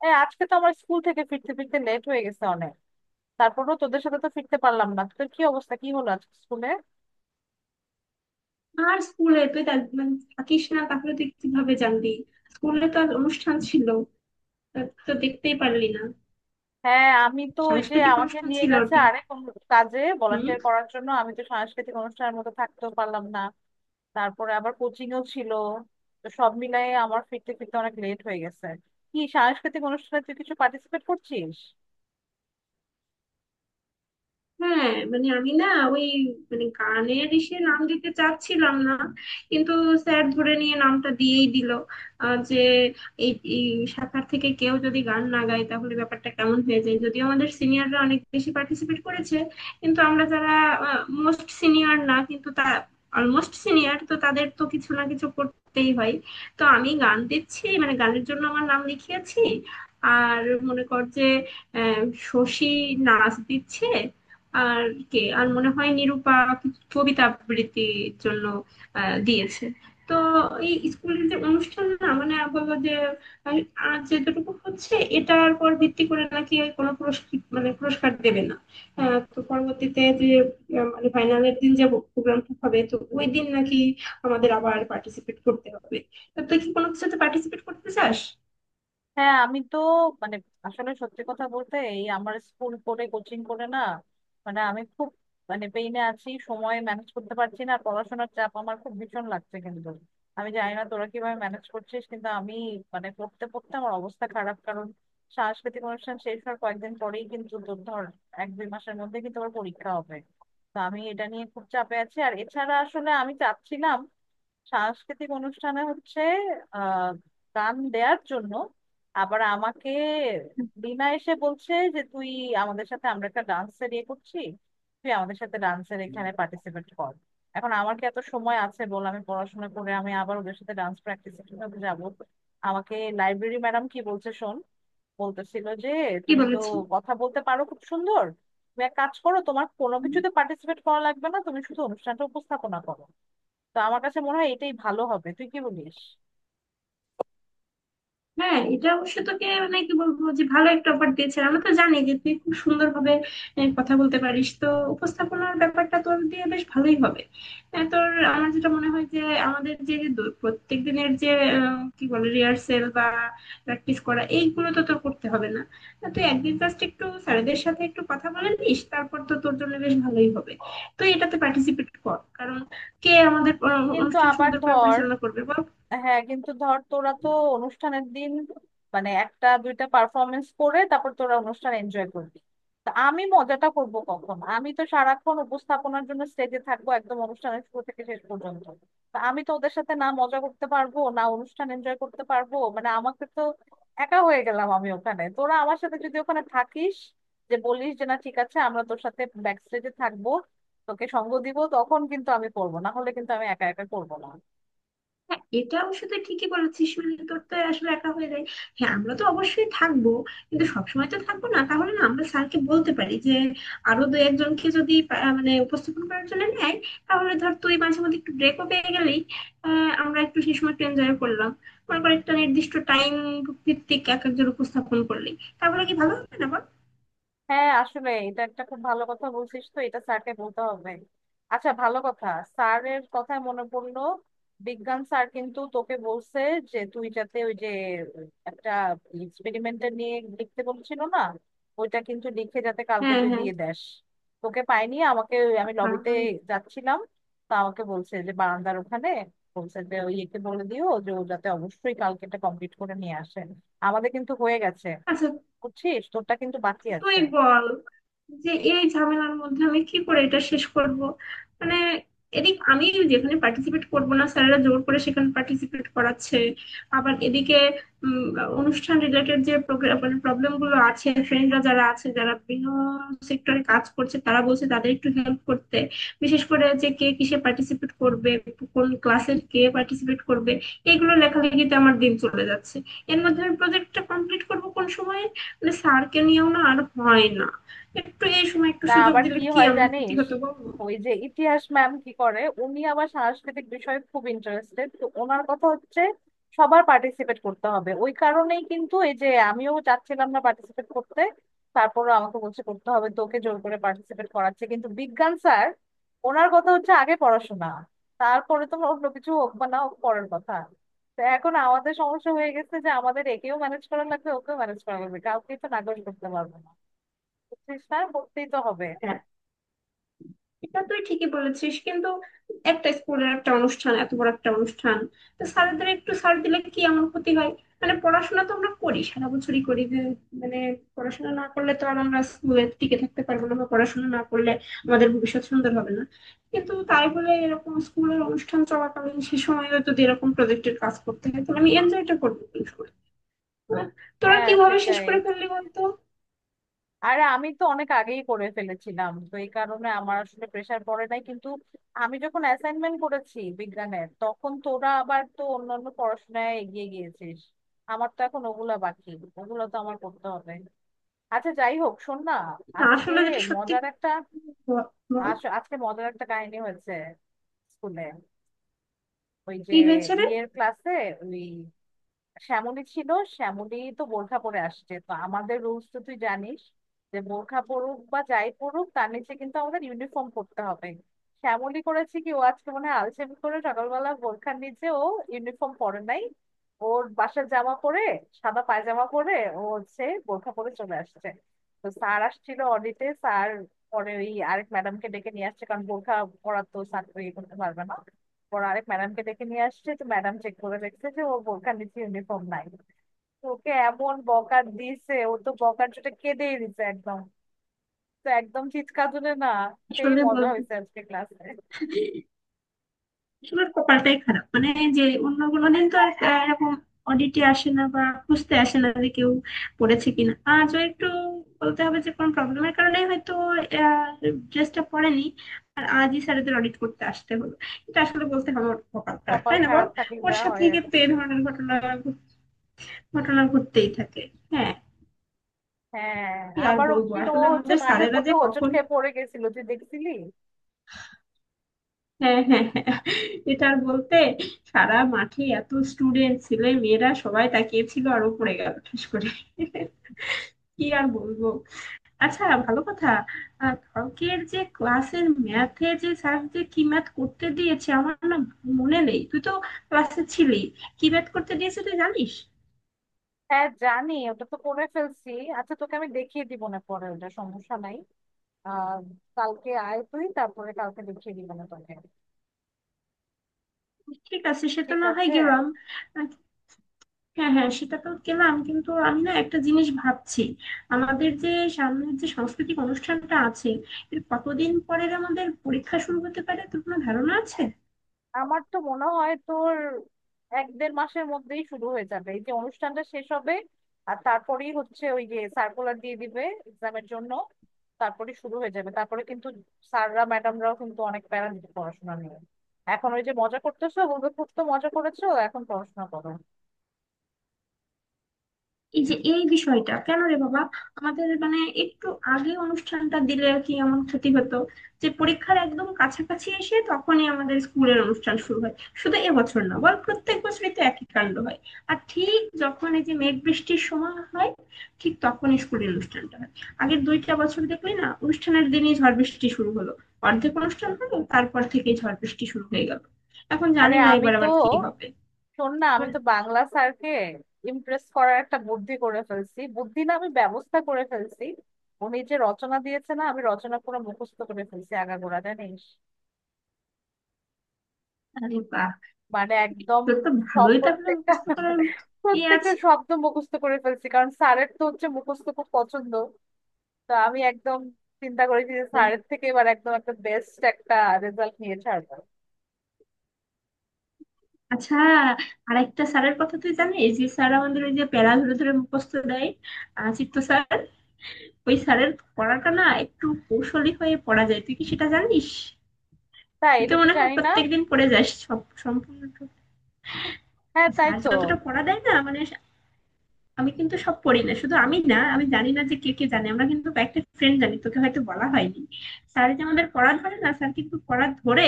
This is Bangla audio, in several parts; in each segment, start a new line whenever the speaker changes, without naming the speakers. হ্যাঁ, আজকে তো আমার স্কুল থেকে ফিরতে ফিরতে লেট হয়ে গেছে অনেক। তারপরও তোদের সাথে তো ফিরতে পারলাম না। তোদের কি অবস্থা, কি হলো আজকে স্কুলে?
আর স্কুলে তুই তা- মানে থাকিস না, তাহলে তুই কিভাবে জানবি? স্কুলে তো আজ অনুষ্ঠান ছিল। তা তুই তো দেখতেই পারলি না।
হ্যাঁ, আমি তো ওই যে
সাংস্কৃতিক
আমাকে
অনুষ্ঠান
নিয়ে
ছিল
গেছে
ওটি।
আরেক অন্য কাজে ভলান্টিয়ার
হম।
করার জন্য, আমি তো সাংস্কৃতিক অনুষ্ঠানের মতো থাকতেও পারলাম না। তারপরে আবার কোচিংও ছিল। তো সব মিলাই আমার ফিরতে ফিরতে অনেক লেট হয়ে গেছে। কি, সাংস্কৃতিক অনুষ্ঠানে তুই কিছু পার্টিসিপেট করছিস?
হ্যাঁ আমি না, ওই, গানের ইসে নাম দিতে চাচ্ছিলাম না, কিন্তু স্যার ধরে নিয়ে নামটা দিয়েই দিল। যে এই এই শাখার থেকে কেউ যদি গান না গায় তাহলে ব্যাপারটা কেমন হয়ে যায়। যদিও আমাদের সিনিয়ররা অনেক বেশি পার্টিসিপেট করেছে, কিন্তু আমরা যারা মোস্ট সিনিয়র না, কিন্তু তা অলমোস্ট সিনিয়র, তো তাদের তো কিছু না কিছু করতেই হয়। তো আমি গান দিচ্ছি, গানের জন্য আমার নাম লিখিয়েছি। আর মনে কর যে আহ, শশী নাচ দিচ্ছে, আর কে আর মনে হয় নিরূপা কিছু কবিতা আবৃত্তির জন্য দিয়েছে। তো এই স্কুলের যে অনুষ্ঠান, না বললো যে আহ, আর যেটুকু হচ্ছে এটার পর ভিত্তি করে নাকি আর কোনো পুরস্কার, পুরস্কার দেবে না। তো পরবর্তীতে যে আহ, মানে ফাইনালের দিন যে প্রোগ্রামটা হবে, তো ওই দিন নাকি আমাদের আবার পার্টিসিপেট করতে হবে। তো তুই কি কোনো কিছুতে পার্টিসিপেট করতে চাস?
হ্যাঁ, আমি তো, মানে, আসলে সত্যি কথা বলতে এই আমার স্কুল করে কোচিং করে না। মানে আমি খুব, মানে পেইনে আছি, সময় ম্যানেজ করতে পারছি না, আর পড়াশোনার চাপ আমার খুব ভীষণ লাগছে, কিন্তু আমি জানি না তোরা কিভাবে ম্যানেজ করছিস। কিন্তু আমি, মানে, পড়তে পড়তে আমার অবস্থা খারাপ, কারণ সাংস্কৃতিক অনুষ্ঠান শেষ হওয়ার কয়েকদিন পরেই কিন্তু তোর ধর 1-2 মাসের মধ্যে কিন্তু আমার পরীক্ষা হবে। তো আমি এটা নিয়ে খুব চাপে আছি। আর এছাড়া আসলে আমি চাচ্ছিলাম সাংস্কৃতিক অনুষ্ঠানে হচ্ছে আহ গান দেওয়ার জন্য। আবার আমাকে বিনা এসে বলছে যে তুই, আমাদের সাথে আমরা একটা ডান্সের ইয়ে করছি, তুই আমাদের সাথে ডান্সের এখানে পার্টিসিপেট কর। এখন আমার কি এত সময় আছে বল? আমি পড়াশোনা করে আমি আবার ওদের সাথে ডান্স প্র্যাকটিস কিভাবে যাবো? আমাকে লাইব্রেরি ম্যাডাম কি বলছে শোন। বলতেছিল যে
কি
তুমি তো
বলেছিস?
কথা বলতে পারো খুব সুন্দর, তুমি এক কাজ করো, তোমার কোনো কিছুতে পার্টিসিপেট করা লাগবে না, তুমি শুধু অনুষ্ঠানটা উপস্থাপনা করো। তো আমার কাছে মনে হয় এটাই ভালো হবে, তুই কি বলিস?
হ্যাঁ, এটা অবশ্য তোকে কি বলবো, যে ভালো একটা অফার দিয়েছে। আমরা তো জানি যে তুই খুব সুন্দর ভাবে কথা বলতে পারিস তো, উপস্থাপনার ব্যাপারটা তোর দিয়ে বেশ ভালোই হবে। আহ, তোর আমার যেটা মনে হয় যে আমাদের যে প্রত্যেক দিনের যে কি বলে, রিহার্সেল বা প্র্যাকটিস করা, এইগুলো তো তোর করতে হবে না। তুই একদিন জাস্ট একটু স্যারেদের সাথে একটু কথা বলে নিস, তারপর তো তোর জন্য বেশ ভালোই হবে। তুই এটাতে পার্টিসিপেট কর, কারণ কে আমাদের
কিন্তু
অনুষ্ঠান
আবার
সুন্দর করে
ধর,
পরিচালনা করবে বল?
হ্যাঁ, কিন্তু ধর তোরা তো অনুষ্ঠানের দিন মানে একটা দুইটা পারফরমেন্স করে তারপর তোরা অনুষ্ঠান এনজয় করবি। তা আমি মজাটা করব কখন? আমি তো সারাক্ষণ উপস্থাপনার জন্য স্টেজে থাকবো একদম অনুষ্ঠানের শুরু থেকে শেষ পর্যন্ত। তা আমি তো ওদের সাথে না মজা করতে পারবো, না অনুষ্ঠান এনজয় করতে পারবো, মানে আমাকে তো একা হয়ে গেলাম আমি ওখানে। তোরা আমার সাথে যদি ওখানে থাকিস, যে বলিস যে না, ঠিক আছে আমরা তোর সাথে ব্যাক স্টেজে থাকবো, তোকে সঙ্গ দিব, তখন কিন্তু আমি করবো, না হলে কিন্তু আমি একা একা করবো না।
হ্যাঁ, এটা অবশ্য তুই ঠিকই বলেছিস, তোর তো আসলে একা হয়ে যায়। হ্যাঁ, আমরা তো অবশ্যই থাকবো, কিন্তু সবসময় তো থাকবো না। তাহলে না আমরা স্যারকে বলতে পারি যে আরো দু একজনকে যদি পা- মানে উপস্থাপন করার জন্য নেয়, তাহলে ধর তুই মাঝে মধ্যে একটু ব্রেকও পেয়ে গেলি। আমরা একটু সেই সময় একটু এনজয় করলাম। মনে কর একটা নির্দিষ্ট টাইম ভিত্তিক এক একজন উপস্থাপন করলি, তাহলে কি ভালো হবে না বল?
হ্যাঁ, আসলে এটা একটা খুব ভালো কথা বলছিস, তো এটা স্যারকে বলতে হবে। আচ্ছা, ভালো কথা, স্যারের কথায় মনে পড়লো, বিজ্ঞান স্যার কিন্তু তোকে বলছে যে তুই যাতে ওই যে একটা এক্সপেরিমেন্টটা নিয়ে লিখতে বলছিল না, ওইটা কিন্তু লিখে যাতে কালকে
হ্যাঁ,
তুই
হ্যাঁ,
দিয়ে দেস। তোকে পাইনি, আমাকে আমি লবিতে
হ্যাঁ।
যাচ্ছিলাম, তা আমাকে বলছে যে বারান্দার ওখানে, বলছে যে ওই একে বলে দিও যে ও যাতে অবশ্যই কালকে এটা কমপ্লিট করে নিয়ে আসে। আমাদের কিন্তু হয়ে গেছে,
আচ্ছা
বুঝছিস, তোরটা কিন্তু বাকি
তুই
আছে।
বল, যে এই ঝামেলার মধ্যে আমি কি করে এটা শেষ করব। মানে এদিক আমি যেখানে পার্টিসিপেট করব না, স্যারেরা জোর করে সেখানে পার্টিসিপেট করাচ্ছে। আবার এদিকে উম, অনুষ্ঠান রিলেটেড যে প্রবলেম গুলো আছে, ফ্রেন্ডরা যারা আছে, যারা বিভিন্ন সেক্টরে কাজ করছে, তারা বলছে তাদের একটু হেল্প করতে, বিশেষ করে যে কে কিসে পার্টিসিপেট করবে, কোন ক্লাসের কে পার্টিসিপেট করবে, এগুলো লেখালেখিতে আমার দিন চলে যাচ্ছে। এর মধ্যে আমি প্রজেক্টটা কমপ্লিট করব কোন সময়ে? স্যারকে নিয়েও না আর হয় না। একটু এই সময় একটু
না,
সুযোগ
আবার
দিলে
কি
কি
হয়
এমন ক্ষতি
জানিস,
হতো বলো?
ওই যে ইতিহাস ম্যাম কি করে, উনি আবার সাংস্কৃতিক বিষয়ে খুব ইন্টারেস্টেড, তো ওনার কথা হচ্ছে সবার পার্টিসিপেট করতে হবে। ওই কারণেই কিন্তু এই যে, আমিও চাচ্ছিলাম না পার্টিসিপেট করতে, তারপরে আমাকে বলছে করতে হবে, তোকে জোর করে পার্টিসিপেট করাচ্ছে। কিন্তু বিজ্ঞান স্যার, ওনার কথা হচ্ছে আগে পড়াশোনা, তারপরে তোমার অন্য কিছু হোক বা না হোক পরের কথা। তো এখন আমাদের সমস্যা হয়ে গেছে যে আমাদের একেও ম্যানেজ করা লাগবে, ওকেও ম্যানেজ করা লাগবে, কাউকেই তো নাকচ করতে পারবো না। বুঝছিস, না করতেই তো হবে।
হ্যাঁ, এটা তুই ঠিকই বলেছিস, কিন্তু একটা স্কুলের একটা অনুষ্ঠান, এত বড় একটা অনুষ্ঠান, তো স্যারদের একটু স্যার দিলে কি এমন ক্ষতি হয়? পড়াশোনা তো আমরা করি, সারা বছরই করি যে, মানে পড়াশোনা না করলে তো আর আমরা স্কুলে টিকে থাকতে পারবো না, বা পড়াশোনা না করলে আমাদের ভবিষ্যৎ সুন্দর হবে না। কিন্তু তাই বলে এরকম স্কুলের অনুষ্ঠান চলাকালীন সে সময় যদি এরকম প্রজেক্টের কাজ করতে হয়, তাহলে আমি এনজয়টা করবো কোন সময়? তোরা
হ্যাঁ
কিভাবে শেষ
সেটাই।
করে ফেললি বলতো?
আর আমি তো অনেক আগেই করে ফেলেছিলাম, তো এই কারণে আমার আসলে প্রেসার পড়ে নাই। কিন্তু আমি যখন অ্যাসাইনমেন্ট করেছি বিজ্ঞানের, তখন তোরা আবার তো অন্যান্য পড়াশোনায় এগিয়ে গিয়েছিস। আমার তো এখন ওগুলা বাকি, ওগুলো তো আমার করতে হবে। আচ্ছা যাই হোক, শোন না,
না
আজকে
আসলে যেটা সত্যি।
মজার একটা
ব- বল,
আজকে মজার একটা কাহিনী হয়েছে স্কুলে। ওই যে
কি হয়েছে রে?
ইয়ের ক্লাসে, ওই শ্যামলী ছিল, শ্যামলী তো বোরখা পরে আসছে। তো আমাদের রুলস তো তুই জানিস যে বোরখা পরুক বা যাই পরুক তার নিচে কিন্তু আমাদের ইউনিফর্ম পরতে হবে। শ্যামলী করেছে কি, ও আজকে মনে হয় আলসেমি করে সকালবেলা বোরখার নিচে ও ইউনিফর্ম পরে নাই, ওর বাসার জামা পরে, সাদা পায়জামা পরে ও হচ্ছে বোরখা পরে চলে আসছে। তো স্যার আসছিল অডিটে, স্যার পরে ওই আরেক ম্যাডামকে ডেকে নিয়ে আসছে, কারণ বোরখা পরা তো স্যার ইয়ে করতে পারবে না। ওর আরেক ম্যাডামকে ডেকে নিয়ে আসছে, তো ম্যাডাম চেক করে দেখছে যে ও বোরখার নিচে ইউনিফর্ম নাই। তো ওকে এমন বকা দিছে, ও তো বকার জন্য কেঁদেই দিছে একদম, তো একদম চিৎকার তুলে না, সেই
আসলে
মজা
বলবো,
হয়েছে আজকে ক্লাসে।
আসলে কপালটাই খারাপ। যে অন্য কোনো দিন তো আর এরকম অডিটে আসে না বা খুঁজতে আসে না যে কেউ পড়েছে কিনা, আজও একটু বলতে হবে যে কোনো প্রবলেমের কারণে হয়তো ড্রেসটা পরেনি, আর আজই স্যারেদের অডিট করতে আসতে হলো। এটা আসলে বলতে হবে ওর কপাল খারাপ,
কপাল
তাই না বল?
খারাপ থাকলে
ওর
যা
সাথে
হয় আর
কিন্তু
কি।
এই ধরনের ঘটনা ঘট- ঘটনা ঘটতেই থাকে। হ্যাঁ,
হ্যাঁ,
কি আর
আবার ওই
বলবো,
দিন ও
আসলে
হচ্ছে
আমাদের
মাঠের
স্যারেরা
মধ্যে
যে
হোঁচট
কখন।
খেয়ে পড়ে গেছিল, তুই দেখছিলি।
হ্যাঁ, হ্যাঁ, হ্যাঁ। এটা আর বলতে, সারা মাঠে এত স্টুডেন্ট ছেলে মেয়েরা সবাই তাকিয়েছিল, আর ও পড়ে গেল ঠাস করে। কি আর বলবো। আচ্ছা ভালো কথা, কালকের যে ক্লাসের ম্যাথে যে স্যার যে কি ম্যাথ করতে দিয়েছে আমার না মনে নেই। তুই তো ক্লাসে ছিলি, কি ম্যাথ করতে দিয়েছে তুই জানিস?
হ্যাঁ জানি, ওটা তো করে ফেলছি। আচ্ছা, তোকে আমি দেখিয়ে দিব না পরে, ওটা সমস্যা নাই। আহ কালকে আয় তুই, তারপরে কালকে দেখিয়ে দিব না তোকে।
ঠিক আছে, সে তো
ঠিক
না হয়
আছে।
গেলাম। হ্যাঁ, হ্যাঁ, সেটা তো গেলাম, কিন্তু আমি না একটা জিনিস ভাবছি, আমাদের যে সামনের যে সাংস্কৃতিক অনুষ্ঠানটা আছে, এর কতদিন পরের আমাদের পরীক্ষা শুরু হতে পারে তোর কোনো ধারণা আছে?
আমার তো মনে হয় তোর 1-1.5 মাসের মধ্যেই শুরু হয়ে যাবে। এই যে অনুষ্ঠানটা শেষ হবে, আর তারপরেই হচ্ছে ওই যে সার্কুলার দিয়ে দিবে এক্সামের জন্য, তারপরে শুরু হয়ে যাবে। তারপরে কিন্তু স্যাররা, ম্যাডামরাও কিন্তু অনেক প্যারা দিতে পড়াশোনা নিয়ে। এখন ওই যে মজা করতেছো, বলবে খুব তো মজা করেছো, এখন পড়াশোনা করো।
এই যে এই বিষয়টা কেন রে বাবা, আমাদের একটু আগে অনুষ্ঠানটা দিলে আর কি এমন ক্ষতি হতো? যে পরীক্ষার একদম কাছাকাছি এসে তখনই আমাদের স্কুলের অনুষ্ঠান শুরু হয়, শুধু এবছর না বল, প্রত্যেক বছরই তো একই কাণ্ড হয়। আর ঠিক যখন এই যে মেঘ বৃষ্টির সময় হয়, ঠিক তখনই স্কুলের অনুষ্ঠানটা হয়। আগের দুইটা বছর দেখলি না, অনুষ্ঠানের দিনই ঝড় বৃষ্টি শুরু হলো, অর্ধেক অনুষ্ঠান হলো তারপর থেকেই ঝড় বৃষ্টি শুরু হয়ে গেল। এখন
আরে
জানি না
আমি
এবার
তো,
আবার কি হবে।
শোন না, আমি তো
আবার-
বাংলা স্যারকে ইমপ্রেস করার একটা বুদ্ধি করে ফেলছি, বুদ্ধি না, আমি ব্যবস্থা করে ফেলছি। উনি যে রচনা দিয়েছে না, আমি রচনা পুরো মুখস্থ করে ফেলছি আগাগোড়া, জানিস,
আরে বাহ,
মানে একদম
তোর তো
সব
ভালোই তাহলে
প্রত্যেকটা
মুখস্থ করার ইয়ে
প্রত্যেকটা
আছে।
শব্দ মুখস্থ করে ফেলছি, কারণ স্যারের তো হচ্ছে মুখস্থ খুব পছন্দ। তো আমি একদম চিন্তা করেছি যে স্যারের থেকে এবার একদম একটা বেস্ট একটা রেজাল্ট নিয়ে ছাড়বো।
আচ্ছা, আরেকটা স্যারের কথা তুই জানিস, যে স্যার আমাদের ওই যে প্যারা ধরে ধরে মুখস্থ দেয়, চিত্ত স্যার, ওই স্যারের পড়াটা না একটু কৌশলী হয়ে পড়া যায়, তুই কি সেটা জানিস?
তাই,
তুই তো
এটা তো
মনে হয়
জানি না।
প্রত্যেকদিন পড়ে যাস সব সম্পূর্ণ।
হ্যাঁ তাই
স্যার
তো,
যতটা পড়া দেয় না, আমি কিন্তু সব পড়ি না। শুধু আমি না, আমি জানি না যে কে কে জানে, আমরা কিন্তু কয়েকটা ফ্রেন্ড জানি, তোকে হয়তো বলা হয়নি। স্যার যে আমাদের পড়া ধরে না, স্যার কিন্তু পড়া ধরে,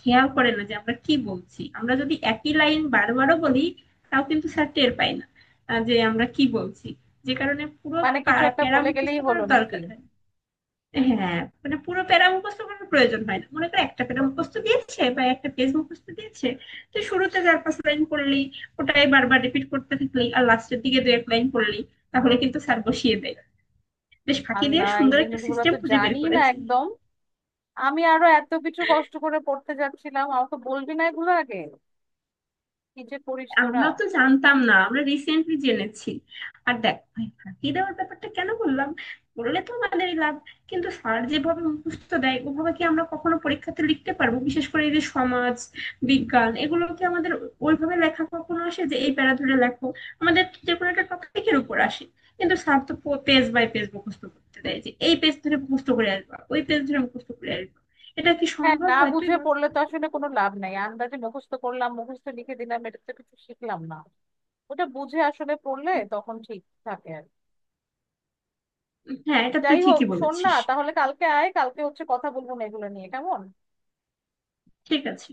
খেয়াল করে না যে আমরা কি বলছি। আমরা যদি একই লাইন বারবারও বলি তাও কিন্তু স্যার টের পায় না যে আমরা কি বলছি। যে কারণে পুরো
মানে কিছু একটা
প্যারা
বলে
মুখস্থ
গেলেই হলো
করার
নাকি?
দরকার হয়। হ্যাঁ, পুরো প্যারা মুখস্থ করার প্রয়োজন হয় না। মনে করো একটা প্যারা মুখস্থ দিয়েছে বা একটা পেজ মুখস্থ দিয়েছে, তো শুরুতে চার পাঁচ লাইন পড়লি, ওটাই বারবার রিপিট করতে থাকলি, আর লাস্টের দিকে দু এক লাইন পড়লি, তাহলে কিন্তু স্যার বসিয়ে দেয়। বেশ ফাঁকি দিয়ে
আল্লাহ, এই
সুন্দর একটা
জিনিসগুলো
সিস্টেম
তো
খুঁজে বের
জানি না
করেছি।
একদম, আমি আরো এত কিছু কষ্ট করে পড়তে যাচ্ছিলাম, আমাকে বলবি না এগুলো আগে, কি যে করিস তোরা।
আমরা তো জানতাম না, আমরা রিসেন্টলি জেনেছি। আর দেখ ভাই, ফাঁকি দেওয়ার ব্যাপারটা কেন বললাম, বললে তো আমাদেরই লাভ, কিন্তু স্যার যেভাবে মুখস্থ দেয় ওভাবে কি আমরা কখনো পরীক্ষাতে লিখতে পারবো? বিশেষ করে এই যে সমাজ বিজ্ঞান, এগুলো কি আমাদের ওইভাবে লেখা কখনো আসে যে এই প্যারা ধরে লেখো? আমাদের তো যে কোনো একটা টপিকের উপর আসে, কিন্তু স্যার তো পেজ বাই পেজ মুখস্থ করতে দেয়, যে এই পেজ ধরে মুখস্থ করে আসবা, ওই পেজ ধরে মুখস্থ করে আসবা। এটা কি
হ্যাঁ,
সম্ভব
না
হয় তুই
বুঝে
বল?
পড়লে তো আসলে কোনো লাভ নাই, আন্দাজে মুখস্থ করলাম, মুখস্থ লিখে দিলাম, এটা তো কিছু শিখলাম না। ওটা বুঝে আসলে পড়লে তখন ঠিক থাকে আর কি।
হ্যাঁ, এটা তুই
যাই হোক,
ঠিকই
শোন না,
বলেছিস।
তাহলে কালকে আয়, কালকে হচ্ছে কথা বলবো না এগুলো নিয়ে, কেমন?
ঠিক আছে।